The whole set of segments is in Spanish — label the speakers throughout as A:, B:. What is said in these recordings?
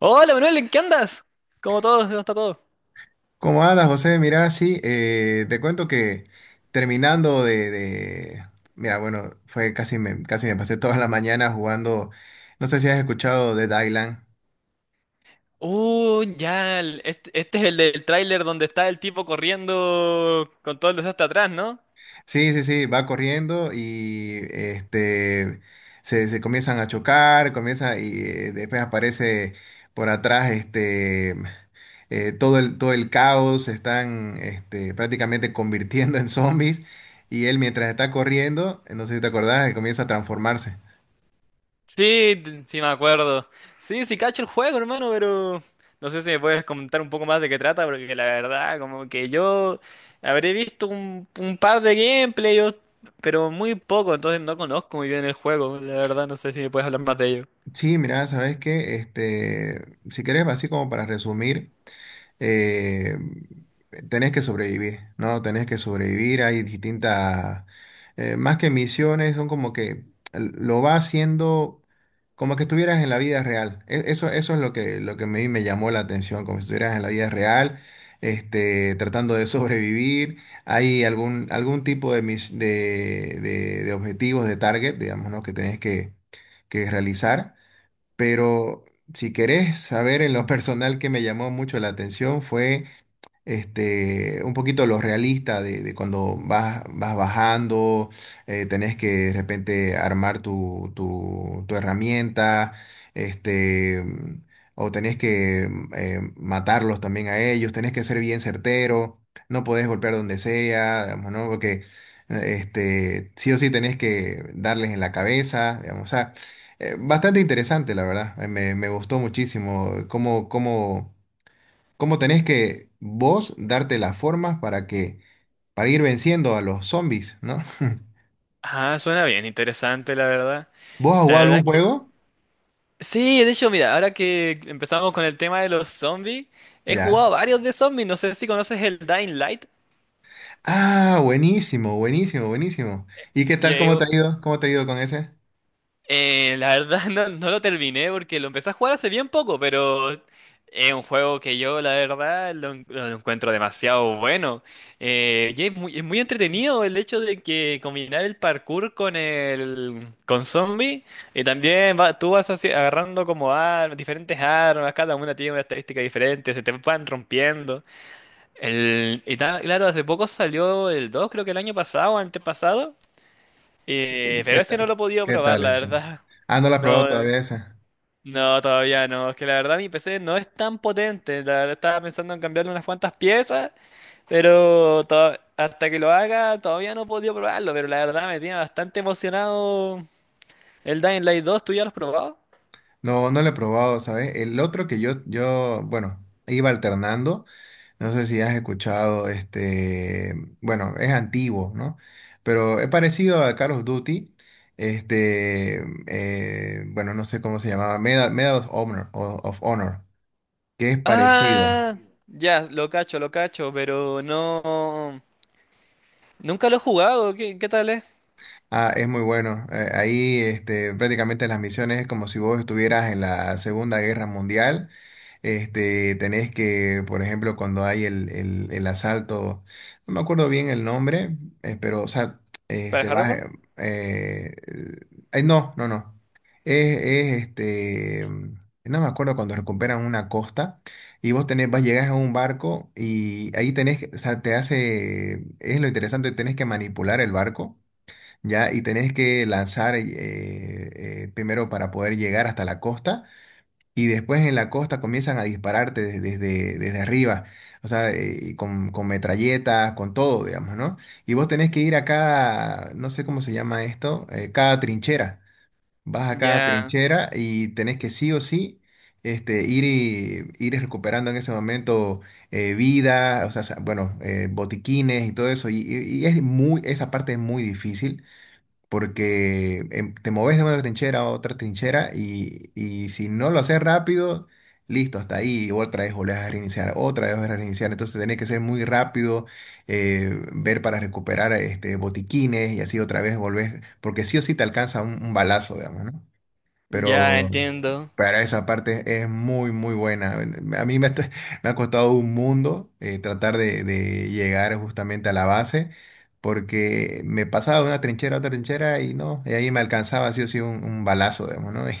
A: Hola Manuel, ¿en qué andas? ¿Cómo todo? ¿Cómo está todo?
B: ¿Cómo andas, José? Mira, sí, te cuento que terminando de, de- Mira, bueno, fue casi me pasé toda la mañana jugando. No sé si has escuchado de Dylan.
A: Este es el del tráiler donde está el tipo corriendo con todo el desastre atrás, ¿no?
B: Sí, sí, sí, va corriendo y se comienzan a chocar, comienza y después aparece por atrás todo el caos, se están prácticamente convirtiendo en zombies y él mientras está corriendo, no sé si te acordás, comienza a transformarse.
A: Sí, sí me acuerdo. Sí, sí cacho el juego, hermano, pero... No sé si me puedes comentar un poco más de qué trata, porque la verdad, como que yo habré visto un par de gameplays, pero muy poco, entonces no conozco muy bien el juego, la verdad, no sé si me puedes hablar más de ello.
B: Sí, mira, sabes que si querés, así como para resumir, eh, tenés que sobrevivir, ¿no? Tenés que sobrevivir. Más que misiones, son como que lo va haciendo como que estuvieras en la vida real. Eso, eso es lo que a mí me llamó la atención, como si estuvieras en la vida real, tratando de sobrevivir. Algún tipo de, de objetivos, de target, digamos, ¿no? Que tenés que realizar. Pero si querés saber en lo personal que me llamó mucho la atención fue un poquito lo realista de cuando vas bajando, tenés que de repente armar tu herramienta, este, mm, o tenés que matarlos también a ellos, tenés que ser bien certero, no podés golpear donde sea, digamos, ¿no? Porque sí o sí tenés que darles en la cabeza, digamos, o sea, bastante interesante, la verdad, me gustó muchísimo cómo cómo tenés que vos darte las formas para que, para ir venciendo a los zombies, ¿no?
A: Ah, suena bien, interesante, la verdad.
B: ¿Vos has
A: La
B: jugado
A: verdad
B: algún
A: es que
B: juego?
A: sí, de hecho, mira, ahora que empezamos con el tema de los zombies, he
B: Ya.
A: jugado varios de zombies, no sé si conoces el Dying Light.
B: Ah, buenísimo, buenísimo, buenísimo. ¿Y qué
A: Y,
B: tal,
A: eh,
B: cómo te ha ido? ¿Cómo te ha ido con ese?
A: la verdad no, no lo terminé porque lo empecé a jugar hace bien poco, pero es un juego que yo la verdad lo encuentro demasiado bueno. Es muy entretenido el hecho de que combinar el parkour con el con zombies y también tú vas así agarrando como armas, diferentes armas, cada una tiene una estadística diferente, se te van rompiendo. Claro, hace poco salió el 2, creo que el año pasado o antepasado. Eh,
B: ¿Y
A: pero ese no lo he podido
B: qué
A: probar,
B: tal
A: la
B: eso?
A: verdad.
B: Ah, no lo he probado
A: No,
B: todavía esa.
A: no, todavía no. Es que la verdad mi PC no es tan potente. La verdad estaba pensando en cambiarle unas cuantas piezas, pero hasta que lo haga todavía no he podido probarlo. Pero la verdad me tiene bastante emocionado el Dying Light dos. ¿Tú ya lo has probado?
B: No, no lo he probado, ¿sabes? El otro que yo, bueno, iba alternando. No sé si has escuchado bueno, es antiguo, ¿no? Pero es parecido a Call of Duty. Este, bueno, no sé cómo se llamaba, Medal of Honor, of Honor, que es parecido.
A: Ah, ya, lo cacho, pero no... Nunca lo he jugado. ¿Qué tal es?
B: Ah, es muy bueno. Ahí prácticamente las misiones es como si vos estuvieras en la Segunda Guerra Mundial. Este, tenés que, por ejemplo, cuando hay el asalto, no me acuerdo bien el nombre, pero, o sea,
A: ¿Para
B: este, vas,
A: Harvard?
B: eh, eh, ay, no, no, no. Es, es, este, no me acuerdo cuando recuperan una costa y vos vas, llegas a un barco y ahí tenés, o sea, te hace, es lo interesante, tenés que manipular el barco, ¿ya? Y tenés que lanzar primero para poder llegar hasta la costa y después en la costa comienzan a dispararte desde arriba, o sea, y con metralletas, con todo, digamos, ¿no? Y vos tenés que ir a cada, no sé cómo se llama esto, cada trinchera. Vas a cada
A: Ya,
B: trinchera y tenés que sí o sí. Este, ir, y, ir recuperando en ese momento vida, o sea, botiquines y todo eso, y es muy, esa parte es muy difícil, porque te moves de una trinchera a otra trinchera y si no lo haces rápido, listo, hasta ahí, otra vez volvés a reiniciar, otra vez volvés a reiniciar, entonces tenés que ser muy rápido, ver para recuperar botiquines y así otra vez volvés, porque sí o sí te alcanza un balazo, digamos, ¿no?
A: ya
B: Pero
A: entiendo.
B: para esa parte es muy, muy buena. A mí me, está- me ha costado un mundo, tratar de llegar justamente a la base, porque me pasaba de una trinchera a otra trinchera y no, y ahí me alcanzaba sí o sí un balazo, digamos, ¿no? Y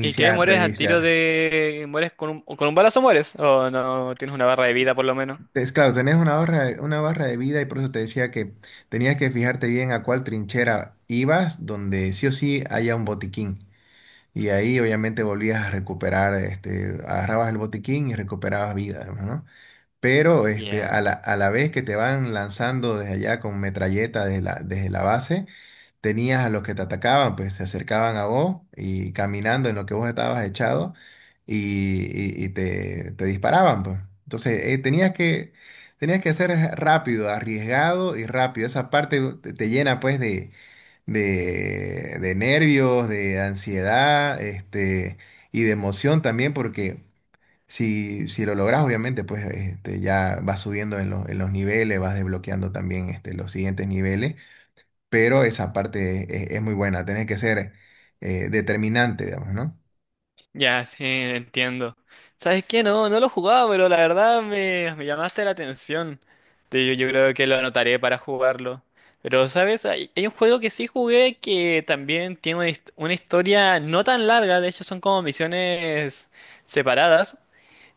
A: ¿Y qué? ¿Mueres al tiro
B: reiniciar.
A: de... ¿Mueres con con un balazo mueres? ¿O no tienes una barra de vida por lo menos?
B: Es claro, tenés una barra de vida y por eso te decía que tenías que fijarte bien a cuál trinchera ibas, donde sí o sí haya un botiquín. Y ahí obviamente volvías a recuperar, agarrabas el botiquín y recuperabas vida, además, ¿no? Pero a
A: Ya.
B: a la vez que te van lanzando desde allá con metralleta desde desde la base, tenías a los que te atacaban, pues se acercaban a vos y caminando en lo que vos estabas echado y, y te disparaban, pues. Entonces tenías que ser rápido, arriesgado y rápido. Esa parte te llena pues de de nervios, de ansiedad, y de emoción también, porque si lo logras, obviamente, pues ya vas subiendo en los niveles, vas desbloqueando también los siguientes niveles, pero esa parte es muy buena, tenés que ser determinante, digamos, ¿no?
A: Ya, sí, entiendo. ¿Sabes qué? No, no lo jugaba, pero la verdad me llamaste la atención. Yo creo que lo anotaré para jugarlo. Pero, ¿sabes? Hay un juego que sí jugué que también tiene una historia no tan larga, de hecho son como misiones separadas,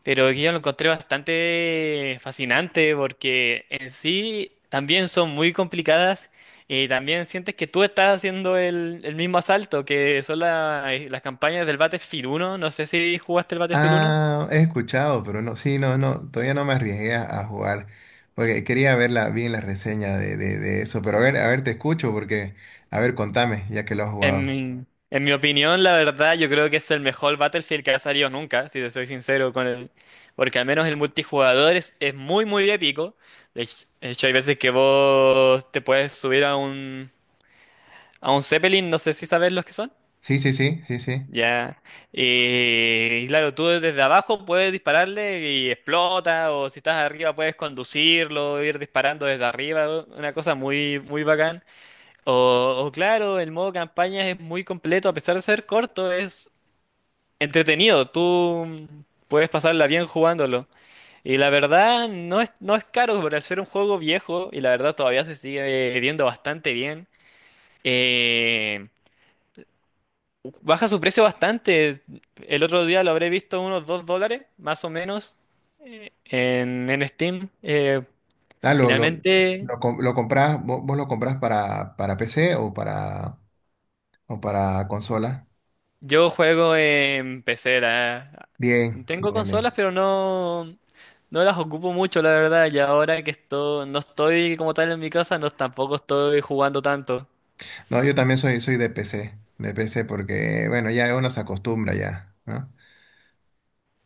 A: pero que yo lo encontré bastante fascinante porque en sí también son muy complicadas y también sientes que tú estás haciendo el mismo asalto, que son las campañas del Battlefield 1. No sé si jugaste el Battlefield 1.
B: Ah, he escuchado, pero no, sí, no, no, todavía no me arriesgué a jugar. Porque quería ver la, bien la reseña de eso, pero a ver, te escucho porque, a ver, contame, ya que lo has
A: En
B: jugado.
A: mi, en mi opinión, la verdad, yo creo que es el mejor Battlefield que ha salido nunca, si te soy sincero con él. Porque al menos el multijugador es muy, muy épico. De hecho, hay veces que vos te puedes subir a a un Zeppelin, no sé si sabes los que son.
B: Sí, sí, sí, sí, sí.
A: Ya. Y claro, tú desde abajo puedes dispararle y explota, o si estás arriba puedes conducirlo, ir disparando desde arriba, una cosa muy, muy bacán. O claro, el modo campaña es muy completo, a pesar de ser corto, es entretenido. Tú puedes pasarla bien jugándolo. Y la verdad, no es caro por ser un juego viejo, y la verdad todavía se sigue viendo bastante bien. Eh, Baja su precio bastante. El otro día lo habré visto unos $2, más o menos, en Steam.
B: Ah, lo, lo,
A: Finalmente,
B: lo compras, vos lo compras para PC o para consola.
A: yo juego en PC.
B: Bien,
A: Tengo
B: bien, bien.
A: consolas, pero no, no las ocupo mucho, la verdad. Y ahora que esto, no estoy como tal en mi casa, no tampoco estoy jugando tanto.
B: No, yo también soy, soy de PC, de PC porque, bueno, ya uno se acostumbra ya, ¿no?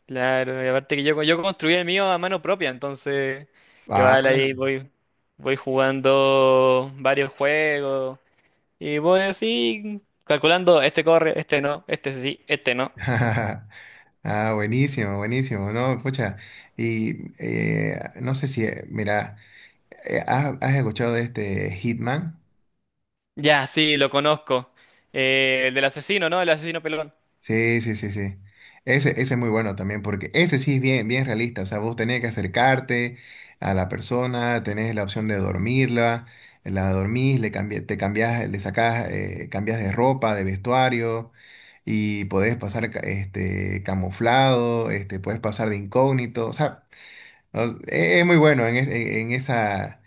A: Claro, y aparte que yo construí el mío a mano propia, entonces igual
B: Ah,
A: ahí voy jugando varios juegos. Y voy así, calculando, este corre, este no, este sí, este no.
B: ah, buenísimo, buenísimo, ¿no? Pucha, y no sé si, mira, ¿has, has escuchado de este Hitman?
A: Ya, sí, lo conozco. El del asesino, ¿no? El asesino pelón.
B: Sí, sí, sí, sí. Ese es muy bueno también, porque ese sí es bien, bien realista. O sea, vos tenés que acercarte a la persona, tenés la opción de dormirla, la dormís, te cambiás, le sacás, cambias de ropa, de vestuario, y podés pasar camuflado, podés pasar de incógnito. O sea, no, es muy bueno en esa,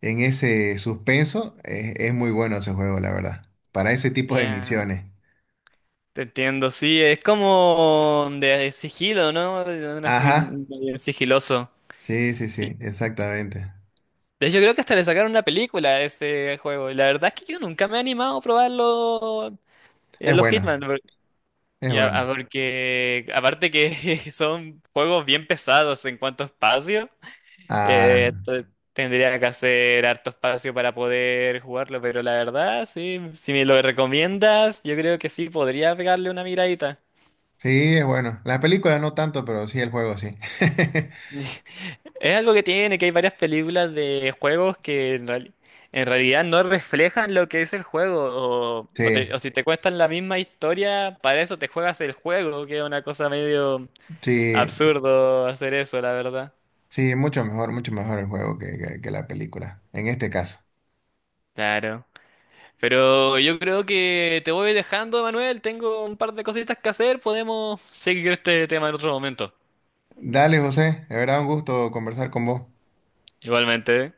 B: en ese suspenso, es muy bueno ese juego, la verdad, para ese tipo de
A: Ya,
B: misiones.
A: te entiendo, sí, es como de sigilo, ¿no? De un
B: Ajá.
A: asesino sigiloso.
B: Sí, sí,
A: De
B: sí, exactamente.
A: hecho, creo que hasta le sacaron una película a ese juego. Y la verdad es que yo nunca me he animado a probarlo,
B: Es
A: los
B: bueno,
A: Hitman.
B: es
A: Ya, ah,
B: bueno.
A: porque aparte que son juegos bien pesados en cuanto a espacio. Eh,
B: Ah,
A: t- Tendría que hacer harto espacio para poder jugarlo, pero la verdad, sí, si me lo recomiendas, yo creo que sí, podría pegarle una miradita.
B: sí, es bueno. La película no tanto, pero sí el juego, sí.
A: Es algo que tiene, que hay varias películas de juegos que en realidad no reflejan lo que es el juego,
B: Sí,
A: o si te cuentan la misma historia, para eso te juegas el juego, que es una cosa medio
B: sí,
A: absurdo hacer eso, la verdad.
B: sí, mucho mejor el juego que, que la película, en este caso.
A: Claro. Pero yo creo que te voy dejando, Manuel. Tengo un par de cositas que hacer. Podemos seguir este tema en otro momento.
B: Dale, José, de verdad un gusto conversar con vos.
A: Igualmente.